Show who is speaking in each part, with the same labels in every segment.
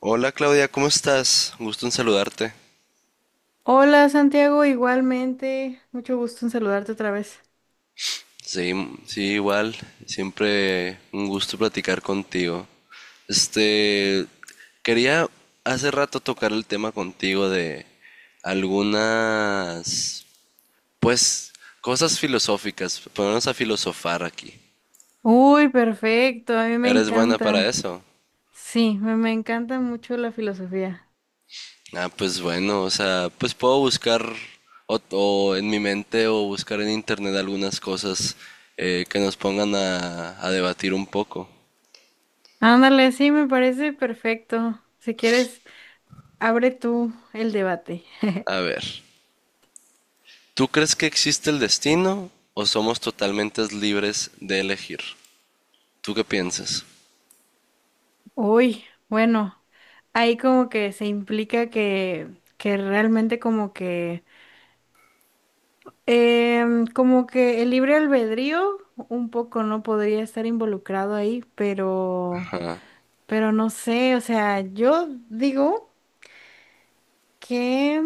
Speaker 1: Hola Claudia, ¿cómo estás? Un gusto en saludarte.
Speaker 2: Hola Santiago, igualmente. Mucho gusto en saludarte otra vez.
Speaker 1: Sí, sí, igual. Siempre un gusto platicar contigo. Este, Quería hace rato tocar el tema contigo de algunas, pues, cosas filosóficas. Ponernos a filosofar aquí.
Speaker 2: Uy, perfecto, a mí me
Speaker 1: ¿Eres buena para
Speaker 2: encanta.
Speaker 1: eso?
Speaker 2: Sí, me encanta mucho la filosofía.
Speaker 1: Ah, pues bueno, o sea, pues puedo buscar o en mi mente o buscar en internet algunas cosas que nos pongan a debatir un poco.
Speaker 2: Ándale, sí, me parece perfecto. Si quieres, abre tú el debate.
Speaker 1: A ver, ¿tú crees que existe el destino o somos totalmente libres de elegir? ¿Tú qué piensas?
Speaker 2: Uy, bueno, ahí como que se implica que realmente como como que el libre albedrío un poco no podría estar involucrado ahí, pero...
Speaker 1: Ajá.
Speaker 2: Pero no sé, o sea, yo digo que,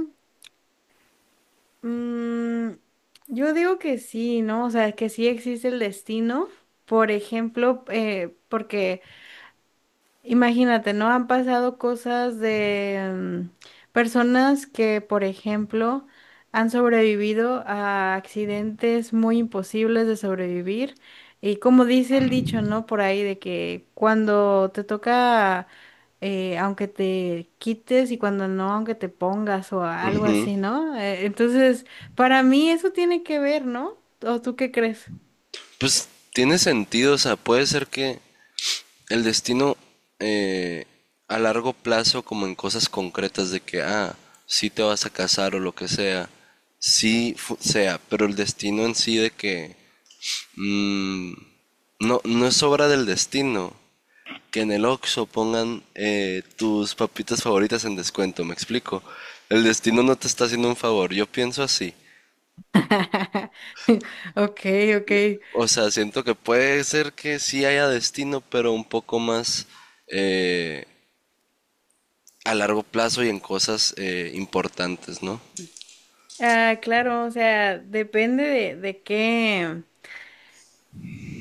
Speaker 2: mm, yo digo que sí, ¿no? O sea, que sí existe el destino, por ejemplo, porque imagínate, ¿no? Han pasado cosas de mm, personas que, por ejemplo, han sobrevivido a accidentes muy imposibles de sobrevivir. Y como dice el dicho, ¿no? Por ahí de que cuando te toca, aunque te quites y cuando no, aunque te pongas o algo
Speaker 1: Ujú.
Speaker 2: así, ¿no? Entonces, para mí eso tiene que ver, ¿no? ¿O tú qué crees?
Speaker 1: Pues tiene sentido, o sea, puede ser que el destino eh, a largo plazo, como en cosas concretas de que, ah, sí te vas a casar o lo que sea, sea, pero el destino en sí de que mm, no, no es obra del destino que en el Oxxo pongan tus papitas favoritas en descuento, me explico. El destino no te está haciendo un favor, yo pienso así.
Speaker 2: Ok, ok.
Speaker 1: O sea, siento que puede ser que sí haya destino, pero un poco más eh, a largo plazo y en cosas importantes, ¿no?
Speaker 2: Ah, claro, o sea, depende de qué.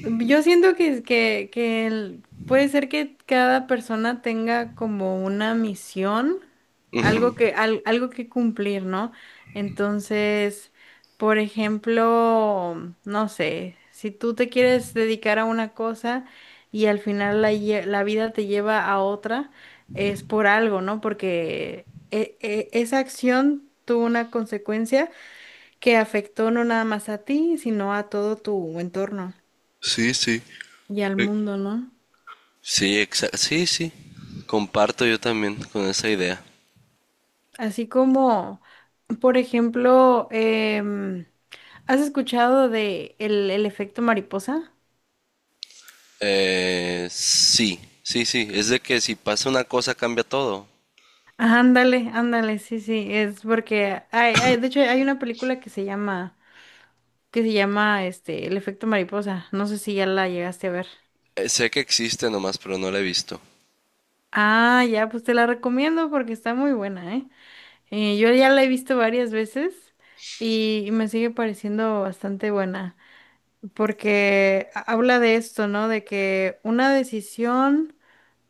Speaker 2: Yo siento que puede ser que cada persona tenga como una misión, algo que algo que cumplir, ¿no? Entonces, por ejemplo, no sé, si tú te quieres dedicar a una cosa y al final la vida te lleva a otra, es por algo, ¿no? Porque esa acción tuvo una consecuencia que afectó no nada más a ti, sino a todo tu entorno
Speaker 1: Sí, sí.
Speaker 2: y al
Speaker 1: Eh,
Speaker 2: mundo, ¿no?
Speaker 1: Sí, sí, sí. Comparto yo también con esa idea.
Speaker 2: Así como, por ejemplo, em, ¿has escuchado de el efecto mariposa?
Speaker 1: Sí, sí, sí. Es de que si pasa una cosa cambia todo.
Speaker 2: Ah, ándale, ándale, sí, sí, es porque de hecho hay una película que se llama El efecto mariposa. No sé si ya la llegaste a ver.
Speaker 1: Sé que existe nomás, pero no la he visto.
Speaker 2: Ah, ya, pues te la recomiendo porque está muy buena, ¿eh? Yo ya la he visto varias veces y me sigue pareciendo bastante buena porque habla de esto, ¿no? De que una decisión,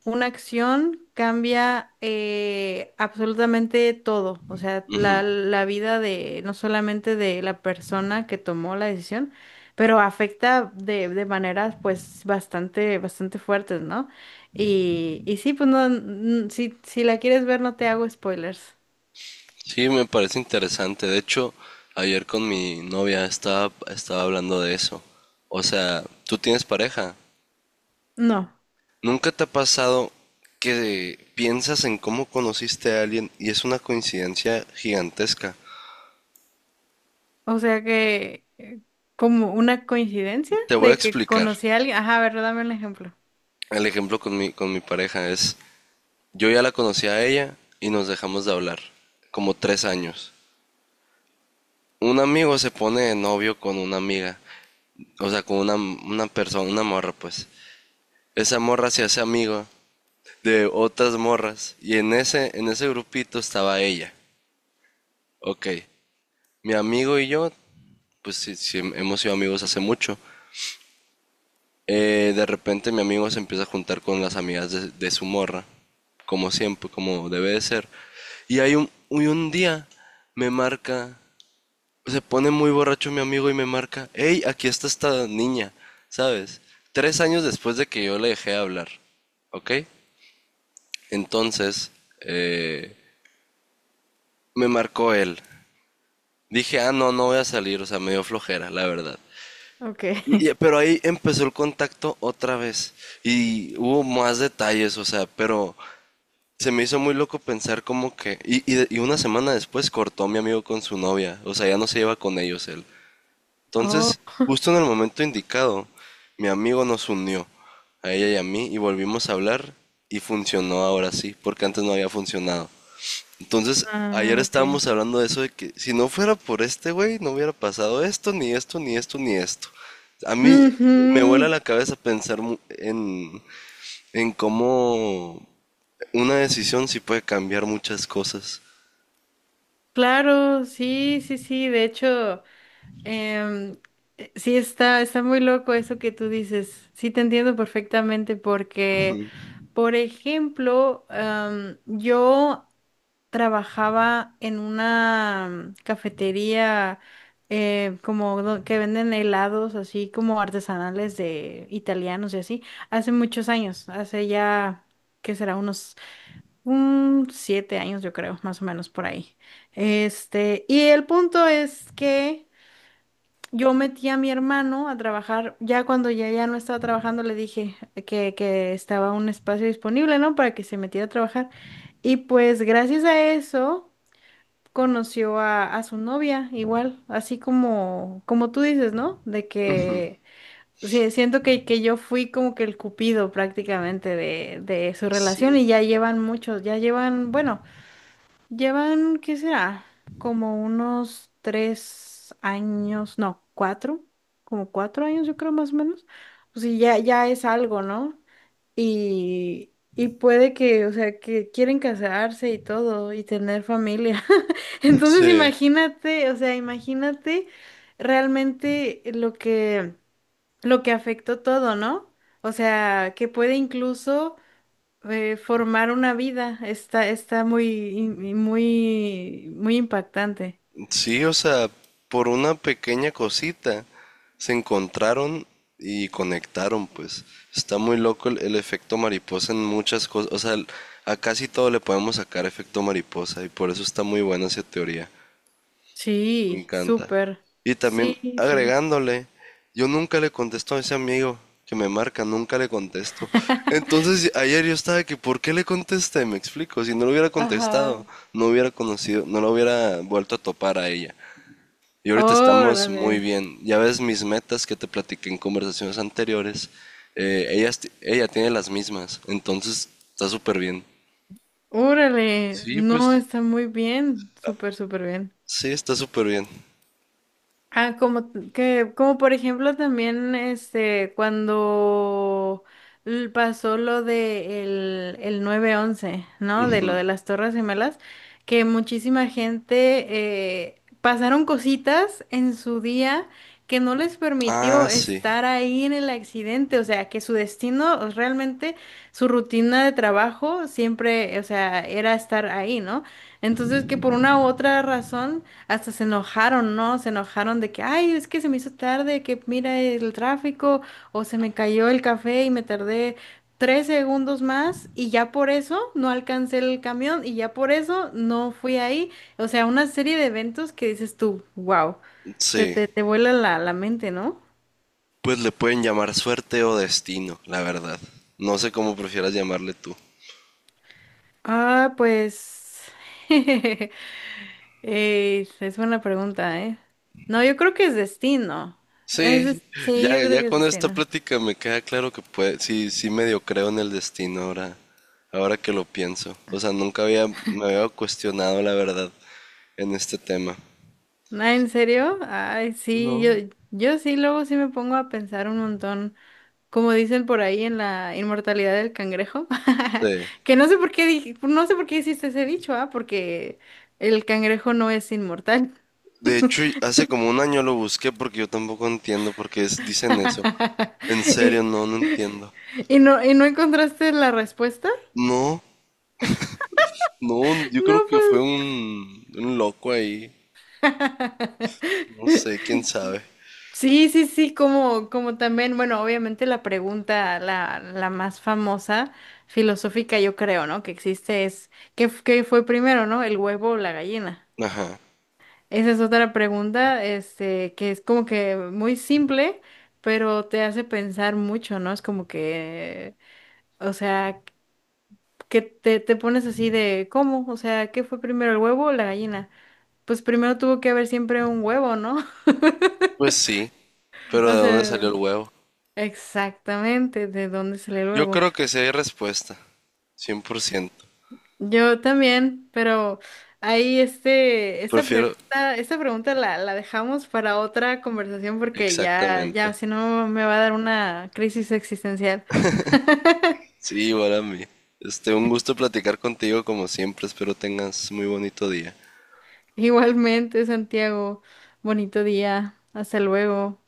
Speaker 2: una acción cambia absolutamente todo, o sea,
Speaker 1: Ujú.
Speaker 2: la vida de no solamente de la persona que tomó la decisión, pero afecta de maneras pues bastante fuertes, ¿no? Y sí, pues no, si, si la quieres ver no te hago spoilers.
Speaker 1: Sí, me parece interesante. De hecho, ayer con mi novia estaba hablando de eso. O sea, ¿tú tienes pareja?
Speaker 2: No.
Speaker 1: ¿Nunca te ha pasado que piensas en cómo conociste a alguien y es una coincidencia gigantesca?
Speaker 2: O sea que, como una coincidencia
Speaker 1: Te voy a
Speaker 2: de que
Speaker 1: explicar.
Speaker 2: conocí a alguien. Ajá, a ver, dame un ejemplo.
Speaker 1: El ejemplo con con mi pareja es, yo ya la conocí a ella y nos dejamos de hablar, como 3 años. Un amigo se pone de novio con una amiga, o sea, con una persona, una morra, pues. Esa morra se hace amiga de otras morras y en en ese grupito estaba ella. Ok, mi amigo y yo, pues sí, sí, hemos sido amigos hace mucho. De repente mi amigo se empieza a juntar con las amigas de su morra, como siempre, como debe de ser. Y un día me marca, se pone muy borracho mi amigo y me marca, hey, aquí está esta niña, ¿sabes? 3 años después de que yo le dejé hablar, ¿ok? Entonces, eh, me marcó él. Dije, ah, no, no voy a salir, o sea, me dio flojera, la verdad.
Speaker 2: Ok.
Speaker 1: Pero ahí empezó el contacto otra vez y hubo más detalles, o sea, pero se me hizo muy loco pensar como que... Y una semana después cortó mi amigo con su novia, o sea, ya no se lleva con ellos él.
Speaker 2: Oh,
Speaker 1: Entonces, justo en el momento indicado, mi amigo nos unió, a ella y a mí, y volvimos a hablar y funcionó ahora sí, porque antes no había funcionado. Entonces, ayer
Speaker 2: ah, ok.
Speaker 1: estábamos hablando de eso de que si no fuera por este güey, no hubiera pasado esto, ni esto, ni esto, ni esto. A mí me vuela
Speaker 2: Ujú,
Speaker 1: la cabeza pensar en cómo una decisión sí puede cambiar muchas cosas.
Speaker 2: claro, sí, sí, sí. De hecho, em, sí está, está muy loco eso que tú dices. Sí, te entiendo perfectamente porque, por ejemplo, yo trabajaba en una cafetería que venden helados así como artesanales de italianos y así, hace muchos años, hace ya, ¿qué será? Unos un 7 años yo creo, más o menos por ahí. Este, y el punto es que yo metí a mi hermano a trabajar, ya cuando ya no estaba trabajando le dije que estaba un espacio disponible, ¿no? Para que se metiera a trabajar. Y pues gracias a eso conoció a su novia, igual, así como, como tú dices, ¿no? De que sí, siento que yo fui como que el cupido prácticamente de su relación y ya llevan muchos, ya llevan, bueno, llevan, ¿qué será? Como unos 3 años, no, cuatro, como 4 años yo creo más o menos. Pues sea, ya, ya es algo, ¿no? Y puede que, o sea, que quieren casarse y todo y tener familia. Entonces
Speaker 1: Sí,
Speaker 2: imagínate, o sea, imagínate realmente lo que afectó todo, ¿no? O sea, que puede incluso formar una vida. Está, está muy, muy impactante.
Speaker 1: sí, o sea, por una pequeña cosita se encontraron y conectaron, pues. Está muy loco el efecto mariposa en muchas cosas. O sea, a casi todo le podemos sacar efecto mariposa y por eso está muy buena esa teoría. Me
Speaker 2: Sí,
Speaker 1: encanta.
Speaker 2: súper.
Speaker 1: Y también
Speaker 2: Sí, sí.
Speaker 1: agregándole, yo nunca le contesto a ese amigo que me marca, nunca le contesto. Entonces ayer yo estaba que, ¿por qué le contesté? Me explico, si no lo hubiera
Speaker 2: Ajá.
Speaker 1: contestado, no hubiera conocido, no lo hubiera vuelto a topar a ella. Y ahorita estamos muy
Speaker 2: Órale.
Speaker 1: bien. Ya ves mis metas que te platiqué en conversaciones anteriores. Ellas ella tiene las mismas, entonces está súper bien.
Speaker 2: Órale, no, está muy bien, súper, súper bien.
Speaker 1: Sí, está súper bien.
Speaker 2: Ah, como por ejemplo también este cuando pasó lo de el 11-S, ¿no? De lo de las Torres Gemelas, que muchísima gente pasaron cositas en su día que no les
Speaker 1: Ah,
Speaker 2: permitió
Speaker 1: sí,
Speaker 2: estar ahí en el accidente, o sea, que su destino realmente, su rutina de trabajo siempre, o sea, era estar ahí, ¿no? Entonces, que por una u otra razón hasta se enojaron, ¿no? Se enojaron de que, ay, es que se me hizo tarde, que mira el tráfico, o se me cayó el café y me tardé 3 segundos más y ya por eso no alcancé el camión y ya por eso no fui ahí. O sea, una serie de eventos que dices tú, wow,
Speaker 1: sí.
Speaker 2: te vuela la mente, ¿no?
Speaker 1: Pues le pueden llamar suerte o destino, la verdad. No sé cómo prefieras llamarle tú.
Speaker 2: Ah, pues... es buena pregunta, ¿eh? No, yo creo que es destino.
Speaker 1: Sí,
Speaker 2: Sí,
Speaker 1: ya,
Speaker 2: yo creo
Speaker 1: ya
Speaker 2: que es
Speaker 1: con esta
Speaker 2: destino.
Speaker 1: plática me queda claro que puede, sí, sí medio creo en el destino ahora, ahora que lo pienso. O sea, nunca había, me había cuestionado la verdad en este tema.
Speaker 2: Ah, ¿en serio? Ay, sí,
Speaker 1: No.
Speaker 2: yo sí, luego sí me pongo a pensar un montón, como dicen por ahí en la inmortalidad del cangrejo,
Speaker 1: Sí.
Speaker 2: que no sé por qué dije, no sé por qué hiciste ese dicho, ah, porque el cangrejo no es inmortal.
Speaker 1: De hecho, y hace como un año lo busqué porque yo tampoco entiendo por qué dicen eso. En serio,
Speaker 2: Y,
Speaker 1: no, no entiendo.
Speaker 2: y no encontraste la respuesta.
Speaker 1: No, no, yo
Speaker 2: No,
Speaker 1: creo que fue
Speaker 2: pues.
Speaker 1: un loco ahí. No sé, quién sabe.
Speaker 2: Sí, sí, sí, como, como también, bueno, obviamente la pregunta, la más famosa, filosófica, yo creo, ¿no? Que existe es, ¿qué fue primero, ¿no? ¿El huevo o la gallina?
Speaker 1: Ajá.
Speaker 2: Esa es otra pregunta, este, que es como que muy simple, pero te hace pensar mucho, ¿no? Es como que, o sea, te pones así de, ¿cómo? O sea, ¿qué fue primero, el huevo o la gallina? Pues primero tuvo que haber siempre un huevo, ¿no?
Speaker 1: Pues sí, pero
Speaker 2: O
Speaker 1: ¿de dónde salió el
Speaker 2: sea,
Speaker 1: huevo?
Speaker 2: exactamente, ¿de dónde sale el
Speaker 1: Yo
Speaker 2: huevo?
Speaker 1: creo que sí hay respuesta. 100%.
Speaker 2: Yo también, pero ahí este,
Speaker 1: Prefiero...
Speaker 2: esta pregunta la dejamos para otra conversación porque ya, ya,
Speaker 1: Exactamente.
Speaker 2: si no me va a dar una crisis existencial.
Speaker 1: Sí, igual a mí. Este, un gusto platicar contigo como siempre. Espero tengas muy bonito día.
Speaker 2: Igualmente, Santiago, bonito día, hasta luego.